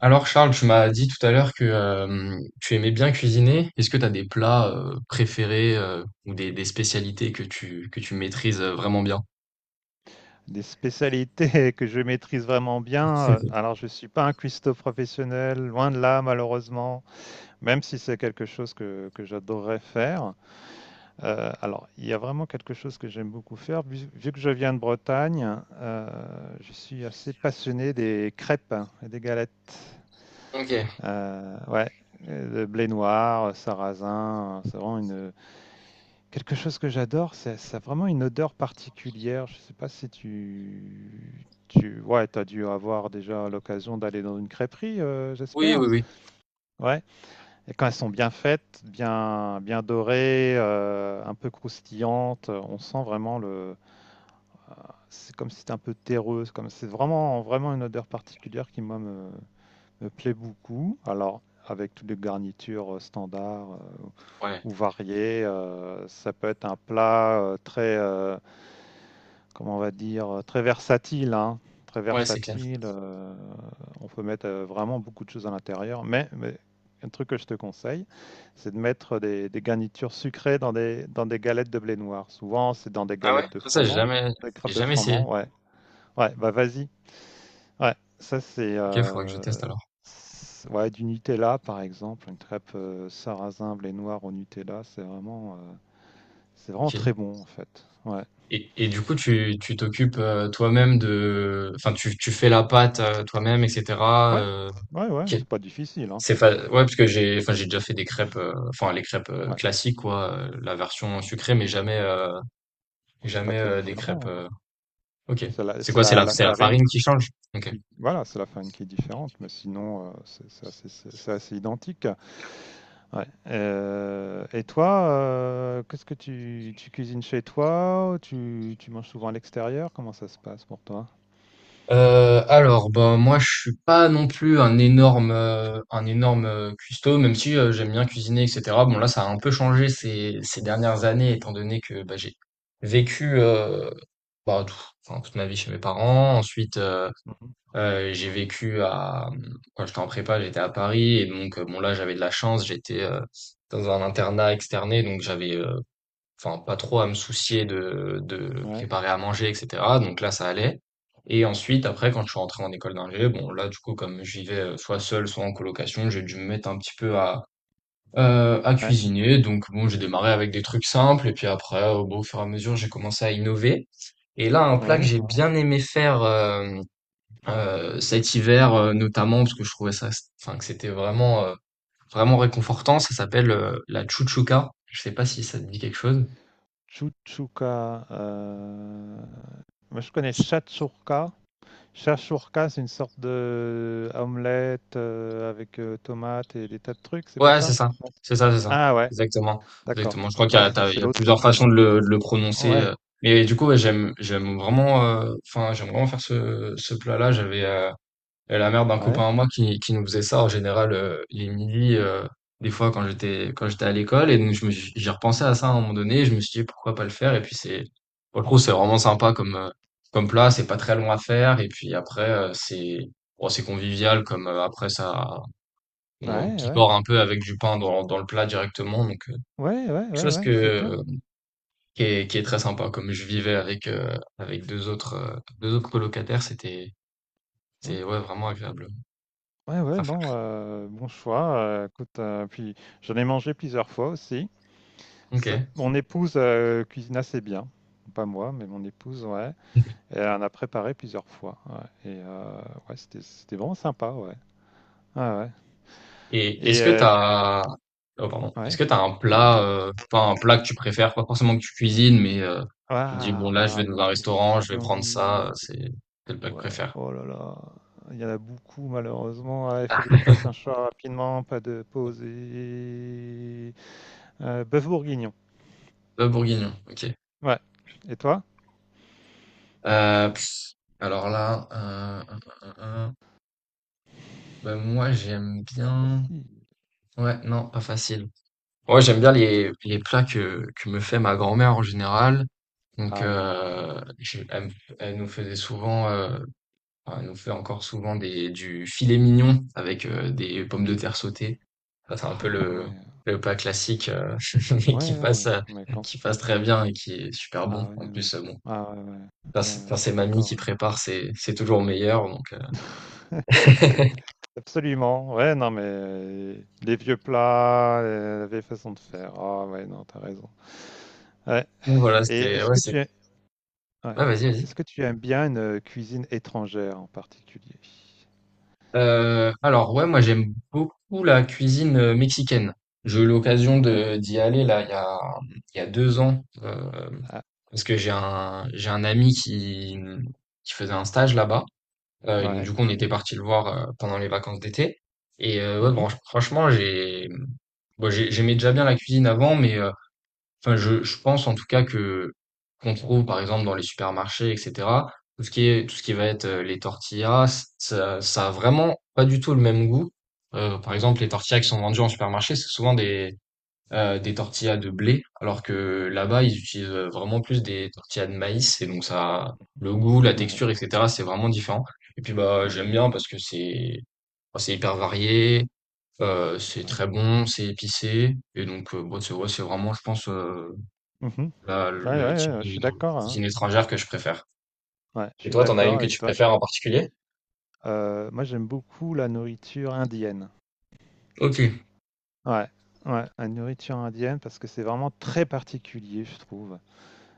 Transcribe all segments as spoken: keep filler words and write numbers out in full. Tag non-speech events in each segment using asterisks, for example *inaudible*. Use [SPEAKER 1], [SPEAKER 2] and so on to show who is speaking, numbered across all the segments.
[SPEAKER 1] Alors Charles, tu m'as dit tout à l'heure que euh, tu aimais bien cuisiner. Est-ce que tu as des plats euh, préférés euh, ou des, des spécialités que tu que tu maîtrises euh, vraiment bien?
[SPEAKER 2] Des spécialités *laughs* que je maîtrise vraiment bien.
[SPEAKER 1] *laughs*
[SPEAKER 2] Alors, je ne suis pas un cuistot professionnel, loin de là, malheureusement, même si c'est quelque chose que, que j'adorerais faire. Euh, alors, il y a vraiment quelque chose que j'aime beaucoup faire. Vu, vu que je viens de Bretagne, euh, je suis assez passionné des crêpes, hein, et des galettes.
[SPEAKER 1] Ok.
[SPEAKER 2] Euh, ouais, le blé noir, sarrasin, euh, c'est vraiment une... Quelque chose que j'adore, c'est ça, a vraiment une odeur particulière. Je sais pas si tu tu ouais, t'as dû avoir déjà l'occasion d'aller dans une crêperie, euh,
[SPEAKER 1] Oui,
[SPEAKER 2] j'espère.
[SPEAKER 1] oui, oui.
[SPEAKER 2] Ouais. Et quand elles sont bien faites, bien bien dorées, euh, un peu croustillantes, on sent vraiment le... c'est comme si c'était un peu terreux, c'est comme c'est vraiment vraiment une odeur particulière qui moi me, me plaît beaucoup. Alors, avec toutes les garnitures euh, standards euh,
[SPEAKER 1] Ouais.
[SPEAKER 2] ou variées. Euh, ça peut être un plat euh, très, euh, comment on va dire, euh, très versatile, hein, très
[SPEAKER 1] Ouais, c'est clair.
[SPEAKER 2] versatile. Euh, on peut mettre euh, vraiment beaucoup de choses à l'intérieur. Mais, mais un truc que je te conseille, c'est de mettre des, des garnitures sucrées dans des, dans des galettes de blé noir. Souvent, c'est dans des
[SPEAKER 1] Ah ouais?
[SPEAKER 2] galettes de
[SPEAKER 1] Ça, j'ai
[SPEAKER 2] froment,
[SPEAKER 1] jamais
[SPEAKER 2] des
[SPEAKER 1] j'ai
[SPEAKER 2] crêpes de
[SPEAKER 1] jamais essayé.
[SPEAKER 2] froment. Ouais, ouais, bah vas-y. Ouais, ça c'est
[SPEAKER 1] Ok, faudra que je
[SPEAKER 2] euh,
[SPEAKER 1] teste alors.
[SPEAKER 2] c'est- ouais, du Nutella par exemple, une crêpe euh, sarrasin blé noir au Nutella, c'est vraiment, euh, c'est vraiment
[SPEAKER 1] Ok.
[SPEAKER 2] très bon en fait. Ouais.
[SPEAKER 1] Et, et du coup, tu tu t'occupes euh, toi-même de enfin tu tu fais la pâte euh, toi-même, et cetera
[SPEAKER 2] Ouais.
[SPEAKER 1] euh,
[SPEAKER 2] Ouais, ouais,
[SPEAKER 1] ok.
[SPEAKER 2] c'est pas difficile, hein.
[SPEAKER 1] C'est fa ouais, parce que j'ai enfin, j'ai déjà fait des crêpes, heu, enfin les crêpes, heu,
[SPEAKER 2] Ouais.
[SPEAKER 1] classiques quoi, heu, la version sucrée, mais jamais, heu,
[SPEAKER 2] Ah, c'est pas
[SPEAKER 1] jamais,
[SPEAKER 2] très
[SPEAKER 1] heu, des crêpes,
[SPEAKER 2] différent, hein.
[SPEAKER 1] heu OK.
[SPEAKER 2] C'est la,
[SPEAKER 1] C'est
[SPEAKER 2] c'est
[SPEAKER 1] quoi? C'est
[SPEAKER 2] la,
[SPEAKER 1] la
[SPEAKER 2] la
[SPEAKER 1] c'est la
[SPEAKER 2] farine
[SPEAKER 1] farine qui change? OK.
[SPEAKER 2] qui, voilà, c'est la farine qui est différente, mais sinon, euh, c'est c'est assez, c'est- c'est assez identique. Ouais. Euh, et toi, euh, qu'est-ce que tu, tu cuisines chez toi? Ou Tu, tu manges souvent à l'extérieur? Comment ça se passe pour toi?
[SPEAKER 1] Heu, alors, ben, moi, je suis pas non plus un énorme, heu, un énorme, heu, cuistot, même si, heu, j'aime bien cuisiner et cetera. Bon, là, ça a un peu changé ces ces dernières années étant donné que, bah, j'ai vécu, heu, bah, tout enfin, toute ma vie chez mes parents. Ensuite, euh,
[SPEAKER 2] Mhm.
[SPEAKER 1] Euh, j'ai vécu à quand j'étais en prépa, j'étais à Paris, et donc euh, bon là j'avais de la chance, j'étais euh, dans un internat externé, donc j'avais euh, enfin pas trop à me soucier de de
[SPEAKER 2] Ouais,
[SPEAKER 1] préparer à manger et cetera. Donc là ça allait. Et ensuite après quand je suis rentré en école d'ingé, bon là du coup comme je vivais euh, soit seul soit en colocation, j'ai dû me mettre un petit peu à euh, à
[SPEAKER 2] ouais.
[SPEAKER 1] cuisiner. Donc bon j'ai démarré avec des trucs simples et puis après euh, bon, au fur et à mesure j'ai commencé à innover. Et là un plat que
[SPEAKER 2] Ouais,
[SPEAKER 1] j'ai bien aimé faire, euh, euh, cet hiver euh, notamment, parce que je trouvais ça enfin que c'était vraiment euh, vraiment réconfortant, ça s'appelle euh, la chouchouka. Je sais pas si ça te dit quelque chose.
[SPEAKER 2] Chuchuka. euh, Moi, je connais Shatsouka. Shatsouka, c'est une sorte de euh, omelette euh, avec euh, tomates et des tas de trucs, c'est pas
[SPEAKER 1] Ouais c'est
[SPEAKER 2] ça?
[SPEAKER 1] ça
[SPEAKER 2] Non.
[SPEAKER 1] c'est ça c'est ça,
[SPEAKER 2] Ah ouais,
[SPEAKER 1] exactement,
[SPEAKER 2] d'accord.
[SPEAKER 1] exactement. Je crois qu'il y
[SPEAKER 2] Ah,
[SPEAKER 1] a
[SPEAKER 2] c'est
[SPEAKER 1] t'as- il
[SPEAKER 2] c'est
[SPEAKER 1] y a
[SPEAKER 2] l'autre
[SPEAKER 1] plusieurs
[SPEAKER 2] nom
[SPEAKER 1] façons
[SPEAKER 2] alors.
[SPEAKER 1] de le, de le prononcer
[SPEAKER 2] Ouais,
[SPEAKER 1] euh. Mais du coup ouais, j'aime j'aime vraiment euh, enfin j'aime vraiment faire ce ce plat-là. J'avais euh, Euh, la mère d'un
[SPEAKER 2] ouais,
[SPEAKER 1] copain à moi qui, qui nous faisait ça en général euh, les midis, euh, des fois quand j'étais quand j'étais à l'école. Et donc je me suis- j'ai repensé
[SPEAKER 2] mhm.
[SPEAKER 1] à ça à un moment donné, et je me suis dit pourquoi pas le faire. Et puis c'est pour le coup c'est vraiment sympa comme euh, comme plat. C'est pas très long à faire. Et puis après euh, c'est bon, c'est convivial comme euh, après ça
[SPEAKER 2] Ouais,
[SPEAKER 1] on
[SPEAKER 2] ouais,
[SPEAKER 1] picore un peu avec du pain dans, dans le plat directement. Donc euh, quelque
[SPEAKER 2] ouais, ouais, ouais,
[SPEAKER 1] chose
[SPEAKER 2] ouais,
[SPEAKER 1] que
[SPEAKER 2] c'est bien.
[SPEAKER 1] euh, qui est, qui est très sympa. Comme je vivais avec euh, avec deux autres euh, deux autres colocataires, c'était
[SPEAKER 2] Ouais,
[SPEAKER 1] c'était ouais vraiment agréable
[SPEAKER 2] ouais, ouais,
[SPEAKER 1] à
[SPEAKER 2] non,
[SPEAKER 1] faire.
[SPEAKER 2] euh, bon choix. Euh, écoute, euh, puis j'en ai mangé plusieurs fois aussi.
[SPEAKER 1] Ok.
[SPEAKER 2] Ça... mon épouse euh, cuisine assez bien, pas moi, mais mon épouse, ouais. Et elle a préparé plusieurs fois, ouais. Et euh, ouais, c'était, c'était vraiment sympa, ouais. Ah ouais.
[SPEAKER 1] Et est-ce
[SPEAKER 2] Et
[SPEAKER 1] que
[SPEAKER 2] euh,
[SPEAKER 1] t'as, oh pardon, est-ce
[SPEAKER 2] ouais.
[SPEAKER 1] que t'as un
[SPEAKER 2] Non, non.
[SPEAKER 1] plat, euh, enfin un plat que tu préfères, pas forcément que tu cuisines, mais euh, tu te dis bon
[SPEAKER 2] Ah,
[SPEAKER 1] là je vais
[SPEAKER 2] ah,
[SPEAKER 1] dans un
[SPEAKER 2] bonne
[SPEAKER 1] restaurant, je vais prendre ça,
[SPEAKER 2] question.
[SPEAKER 1] euh, c'est c'est le plat que je
[SPEAKER 2] Ouais,
[SPEAKER 1] préfère.
[SPEAKER 2] oh là là. Il y en a beaucoup, malheureusement. Ah, il faut que je
[SPEAKER 1] *laughs*
[SPEAKER 2] fasse un choix rapidement, pas de pause. Et... Euh, bœuf bourguignon.
[SPEAKER 1] Le bourguignon, ok.
[SPEAKER 2] Ouais. Et toi?
[SPEAKER 1] Euh, pff, alors là, euh, euh, euh, euh, bah, moi j'aime
[SPEAKER 2] Pas
[SPEAKER 1] bien.
[SPEAKER 2] facile.
[SPEAKER 1] Ouais, non, pas facile. Ouais, j'aime
[SPEAKER 2] Ouais.
[SPEAKER 1] bien les, les plats que, que me fait ma grand-mère en général. Donc,
[SPEAKER 2] Ah oui, attends.
[SPEAKER 1] euh, je- elle, me- elle nous faisait souvent. euh, Ah, elle nous fait encore souvent des du filet mignon avec, heu, des pommes de terre sautées. Ça, c'est un peu
[SPEAKER 2] Ah
[SPEAKER 1] le
[SPEAKER 2] ouais.
[SPEAKER 1] le plat classique, heu, *laughs* mais qui passe,
[SPEAKER 2] Ouais,
[SPEAKER 1] heu,
[SPEAKER 2] mais quand?
[SPEAKER 1] qui passe très bien et qui est super
[SPEAKER 2] Ah
[SPEAKER 1] bon.
[SPEAKER 2] ouais,
[SPEAKER 1] En
[SPEAKER 2] ouais.
[SPEAKER 1] plus, heu, bon,
[SPEAKER 2] Ah ouais, ouais.
[SPEAKER 1] quand
[SPEAKER 2] Ouais,
[SPEAKER 1] c'est
[SPEAKER 2] ouais,
[SPEAKER 1] quand
[SPEAKER 2] je
[SPEAKER 1] c'est
[SPEAKER 2] suis
[SPEAKER 1] mamie
[SPEAKER 2] d'accord,
[SPEAKER 1] qui
[SPEAKER 2] ouais.
[SPEAKER 1] prépare, c'est c'est toujours meilleur donc heu, *laughs*
[SPEAKER 2] Absolument, ouais, non, mais euh, les vieux plats, euh, la vieille façon de faire. Ah, ouais, non, t'as raison. Ouais.
[SPEAKER 1] donc voilà,
[SPEAKER 2] Et
[SPEAKER 1] c'était
[SPEAKER 2] est-ce
[SPEAKER 1] ouais,
[SPEAKER 2] que
[SPEAKER 1] c'est
[SPEAKER 2] tu es... ouais.
[SPEAKER 1] ouais, vas-y, vas-y.
[SPEAKER 2] Est-ce que tu aimes bien une euh, cuisine étrangère en particulier?
[SPEAKER 1] Euh, alors ouais, moi j'aime beaucoup la cuisine euh, mexicaine. J'ai eu l'occasion de d'y aller là il y a il y a deux ans euh,
[SPEAKER 2] Ah,
[SPEAKER 1] parce que j'ai un j'ai un ami qui qui faisait un stage là-bas. Euh, et donc
[SPEAKER 2] ouais.
[SPEAKER 1] du coup on était parti le voir euh, pendant les vacances d'été, et euh, ouais
[SPEAKER 2] Mhm.
[SPEAKER 1] bon, franchement j'ai bon, j'ai- j'aimais déjà bien la cuisine avant, mais euh, enfin, je, je pense en tout cas que qu'on trouve par exemple dans les supermarchés, et cetera. Tout ce qui est tout ce qui va être euh, les tortillas, ça, ça a vraiment pas du tout le même goût. Euh, par
[SPEAKER 2] Ouais.
[SPEAKER 1] exemple, les tortillas qui sont vendues en supermarché, c'est souvent des euh, des tortillas de blé, alors que là-bas ils utilisent euh, vraiment plus des tortillas de maïs, et donc ça le goût, la
[SPEAKER 2] Ouais.
[SPEAKER 1] texture, et cetera. C'est vraiment différent. Et puis bah j'aime
[SPEAKER 2] Mhm.
[SPEAKER 1] bien parce que c'est bah, c'est hyper varié, euh, c'est
[SPEAKER 2] Ouais.
[SPEAKER 1] très bon, c'est épicé, et donc euh, bon, c'est ouais, c'est vraiment je pense euh,
[SPEAKER 2] Mhm.
[SPEAKER 1] la
[SPEAKER 2] Ouais, ouais,
[SPEAKER 1] le
[SPEAKER 2] ouais,
[SPEAKER 1] type
[SPEAKER 2] ouais, je
[SPEAKER 1] de
[SPEAKER 2] suis
[SPEAKER 1] non,
[SPEAKER 2] d'accord, hein.
[SPEAKER 1] cuisine étrangère que je préfère.
[SPEAKER 2] Ouais, je
[SPEAKER 1] Et
[SPEAKER 2] suis
[SPEAKER 1] toi, t'en as une
[SPEAKER 2] d'accord
[SPEAKER 1] que
[SPEAKER 2] avec
[SPEAKER 1] tu
[SPEAKER 2] toi. Je...
[SPEAKER 1] préfères en particulier?
[SPEAKER 2] euh, moi, j'aime beaucoup la nourriture indienne.
[SPEAKER 1] Ok.
[SPEAKER 2] Ouais. Ouais, la nourriture indienne, parce que c'est vraiment très particulier, je trouve.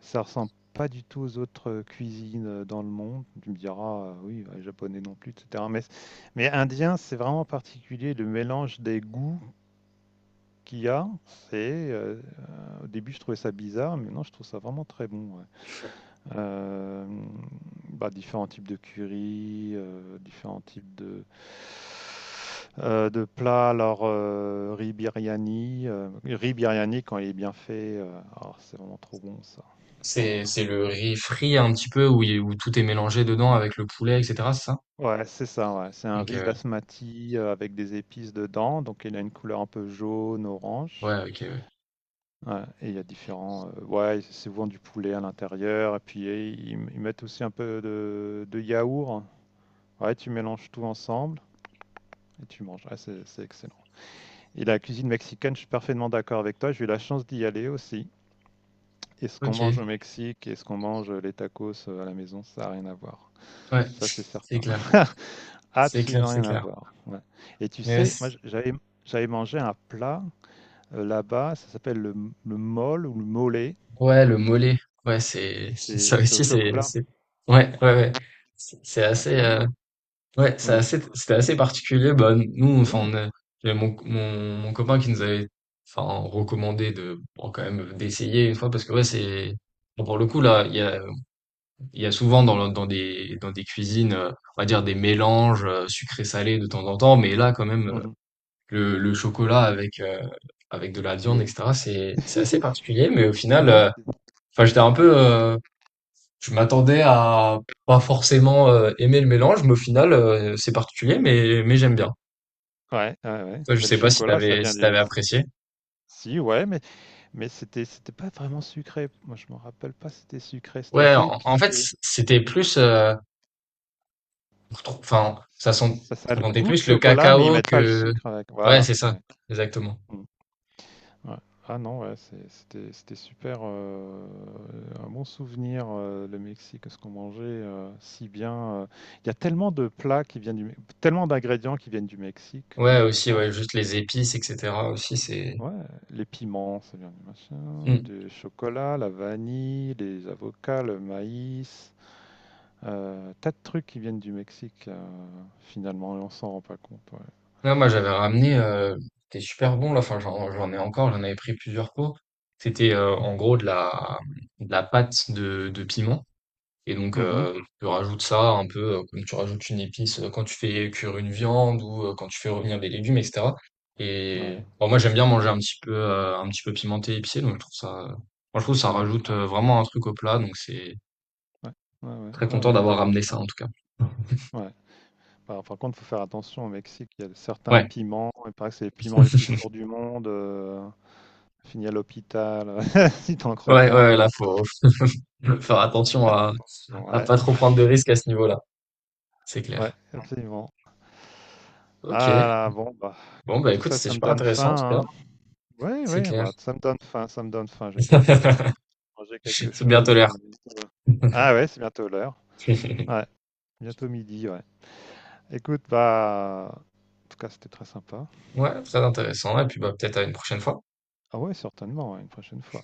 [SPEAKER 2] Ça ressemble pas du tout aux autres euh, cuisines euh, dans le monde. Tu me diras, euh, oui, ouais, japonais non plus, et cetera. Mais, mais indien, c'est vraiment particulier, le mélange des goûts qu'il y a. C'est, euh, euh, au début, je trouvais ça bizarre, mais non, je trouve ça vraiment très bon, ouais. Euh, bah, différents types de curry, euh, différents types de, euh, de plats. Alors, euh, riz biryani, euh, riz biryani quand il est bien fait, euh, alors, c'est vraiment trop bon, ça. C'est vraiment
[SPEAKER 1] C'est c'est
[SPEAKER 2] trop bon.
[SPEAKER 1] le riz frit un petit peu où il où tout est mélangé dedans avec le poulet, et cetera, c'est ça?
[SPEAKER 2] Ouais, c'est ça, ouais. C'est un
[SPEAKER 1] OK,
[SPEAKER 2] riz
[SPEAKER 1] ouais.
[SPEAKER 2] basmati, heu, avec des épices dedans, donc il a une couleur un peu jaune, orange.
[SPEAKER 1] Ouais, OK, ouais.
[SPEAKER 2] Ouais, et il y a différents, heu, ouais, c'est souvent du poulet à l'intérieur et puis et ils ils mettent aussi un peu de de yaourt. Ouais, tu mélanges tout ensemble et tu manges. Ouais, c'est c'est excellent. Et la cuisine mexicaine, je suis parfaitement d'accord avec toi. J'ai eu la chance d'y aller aussi, et ce qu'on mange
[SPEAKER 1] OK,
[SPEAKER 2] au Mexique et ce qu'on mange, euh, les tacos, heu, à la maison, ça a rien à voir.
[SPEAKER 1] ouais,
[SPEAKER 2] Ça, c'est
[SPEAKER 1] c'est
[SPEAKER 2] certain.
[SPEAKER 1] clair.
[SPEAKER 2] *laughs*
[SPEAKER 1] C'est clair,
[SPEAKER 2] Absolument
[SPEAKER 1] c'est
[SPEAKER 2] rien à
[SPEAKER 1] clair.
[SPEAKER 2] voir. Ouais. Et tu
[SPEAKER 1] Mais ouais,
[SPEAKER 2] sais, moi,
[SPEAKER 1] c
[SPEAKER 2] j- j'avais, j'avais mangé un plat euh, là-bas, ça s'appelle le, m- le mole ou le mollet,
[SPEAKER 1] ouais, le mollet, ouais, c'est
[SPEAKER 2] et
[SPEAKER 1] *laughs*
[SPEAKER 2] c'est
[SPEAKER 1] ça
[SPEAKER 2] c'est au
[SPEAKER 1] aussi, c'est
[SPEAKER 2] chocolat.
[SPEAKER 1] c'est ouais, ouais, ouais. C'est c'est
[SPEAKER 2] C'est
[SPEAKER 1] assez, euh,
[SPEAKER 2] incroyable.
[SPEAKER 1] ouais, c'est
[SPEAKER 2] Ouais.
[SPEAKER 1] assez, c'était assez particulier. Bah, nous, enfin, on
[SPEAKER 2] Ouais.
[SPEAKER 1] a- j'avais mon, mon, mon copain qui nous avait, enfin, recommandé de, bon, quand même, d'essayer une fois parce que ouais, c'est, bon, pour le coup, là, il y a, il y a souvent dans, le- dans des, dans des cuisines, euh, on va dire des mélanges euh, sucré-salé de temps en temps, mais là, quand même, euh,
[SPEAKER 2] Mhm.
[SPEAKER 1] le, le chocolat avec, euh, avec de
[SPEAKER 2] Du
[SPEAKER 1] la viande,
[SPEAKER 2] poulet.
[SPEAKER 1] et cetera, c'est, c'est assez
[SPEAKER 2] *laughs*
[SPEAKER 1] particulier, mais au final,
[SPEAKER 2] Ouais,
[SPEAKER 1] euh,
[SPEAKER 2] c'est...
[SPEAKER 1] enfin, j'étais un peu, euh, je m'attendais à, pas forcément euh, aimer le mélange, mais au final, euh, c'est particulier, mais, mais j'aime bien.
[SPEAKER 2] ouais, ouais, ouais.
[SPEAKER 1] Toi, je
[SPEAKER 2] Mais le
[SPEAKER 1] sais pas si
[SPEAKER 2] chocolat, ça
[SPEAKER 1] t'avais
[SPEAKER 2] vient
[SPEAKER 1] si t'avais
[SPEAKER 2] du...
[SPEAKER 1] apprécié.
[SPEAKER 2] Si, ouais, mais, mais c'était, c'était pas vraiment sucré. Moi, je me rappelle pas si c'était sucré. C'était
[SPEAKER 1] Ouais,
[SPEAKER 2] assez
[SPEAKER 1] en, en fait,
[SPEAKER 2] épicé. Ouais.
[SPEAKER 1] c'était plus, euh, trop- enfin, ça sent,
[SPEAKER 2] Ça, ça a
[SPEAKER 1] ça
[SPEAKER 2] le
[SPEAKER 1] sentait
[SPEAKER 2] goût de
[SPEAKER 1] plus le
[SPEAKER 2] chocolat, mais ils
[SPEAKER 1] cacao
[SPEAKER 2] mettent pas le
[SPEAKER 1] que,
[SPEAKER 2] sucre avec.
[SPEAKER 1] ouais,
[SPEAKER 2] Voilà.
[SPEAKER 1] c'est ça,
[SPEAKER 2] Ouais.
[SPEAKER 1] exactement.
[SPEAKER 2] Mm. Ouais. Ah non, ouais, c'est... c'était, c'était super, euh, un bon souvenir, euh, le Mexique, ce qu'on mangeait euh, si bien. euh. Il y a tellement de plats qui viennent du, Me- tellement d'ingrédients qui viennent du Mexique quand
[SPEAKER 1] Ouais,
[SPEAKER 2] tu y
[SPEAKER 1] aussi, ouais,
[SPEAKER 2] penses.
[SPEAKER 1] juste les épices, et cetera. aussi, c'est.
[SPEAKER 2] Ouais, les piments, ça vient du machin,
[SPEAKER 1] Hmm.
[SPEAKER 2] du chocolat, la vanille, les avocats, le maïs, euh, tas de trucs qui viennent du Mexique euh, finalement, et on s'en rend pas compte. Ouais.
[SPEAKER 1] Non, moi, j'avais ramené, euh, c'était super bon là. Enfin, j'en, j'en ai encore, j'en avais pris plusieurs pots. C'était euh, en gros de la, de la pâte de, de piment. Et donc,
[SPEAKER 2] Mhm.
[SPEAKER 1] euh, tu rajoutes ça un peu euh, comme tu rajoutes une épice euh, quand tu fais cuire une viande ou euh, quand tu fais revenir des légumes, et cetera. Et
[SPEAKER 2] Ouais.
[SPEAKER 1] bon, moi, j'aime bien manger un petit peu, euh, un petit peu pimenté, épicé, donc je trouve ça, moi, je trouve que ça
[SPEAKER 2] Ah ouais.
[SPEAKER 1] rajoute euh, vraiment un truc au plat, donc c'est
[SPEAKER 2] Ouais. Ouais, ouais,
[SPEAKER 1] très
[SPEAKER 2] ouais,
[SPEAKER 1] content
[SPEAKER 2] ouais, t'as
[SPEAKER 1] d'avoir ramené
[SPEAKER 2] raison.
[SPEAKER 1] ça en tout cas.
[SPEAKER 2] Ouais. Par par contre, il faut faire attention au Mexique, il y a certains
[SPEAKER 1] Ouais,
[SPEAKER 2] piments, il paraît que c'est les piments les plus forts du monde, heu, fini à l'hôpital, *laughs* si tu en croques
[SPEAKER 1] ouais, ouais,
[SPEAKER 2] un,
[SPEAKER 1] là,
[SPEAKER 2] heu,
[SPEAKER 1] faut *laughs* faut faire attention à,
[SPEAKER 2] attention,
[SPEAKER 1] à
[SPEAKER 2] ouais,
[SPEAKER 1] pas trop prendre de risques à ce niveau-là, c'est
[SPEAKER 2] ouais,
[SPEAKER 1] clair.
[SPEAKER 2] absolument. Ah
[SPEAKER 1] Ok,
[SPEAKER 2] là là, bon, bah,
[SPEAKER 1] bon, bah
[SPEAKER 2] tout
[SPEAKER 1] écoute,
[SPEAKER 2] ça,
[SPEAKER 1] c'était
[SPEAKER 2] ça me
[SPEAKER 1] super
[SPEAKER 2] donne
[SPEAKER 1] intéressant en tout cas,
[SPEAKER 2] faim, hein. Oui,
[SPEAKER 1] c'est
[SPEAKER 2] oui,
[SPEAKER 1] clair.
[SPEAKER 2] bah, ça me donne faim, ça me donne faim, je vais peut-être, heu,
[SPEAKER 1] *laughs*
[SPEAKER 2] manger quelque
[SPEAKER 1] C'est bien
[SPEAKER 2] chose, heu,
[SPEAKER 1] tolère.
[SPEAKER 2] bientôt. Ah ouais, c'est bientôt l'heure,
[SPEAKER 1] *laughs*
[SPEAKER 2] ouais, bientôt midi, ouais. Écoute, bah, en tout cas, c'était très sympa.
[SPEAKER 1] Ouais, très intéressant, et puis bah peut-être à une prochaine fois.
[SPEAKER 2] Ah ouais, certainement, ouais, une prochaine fois.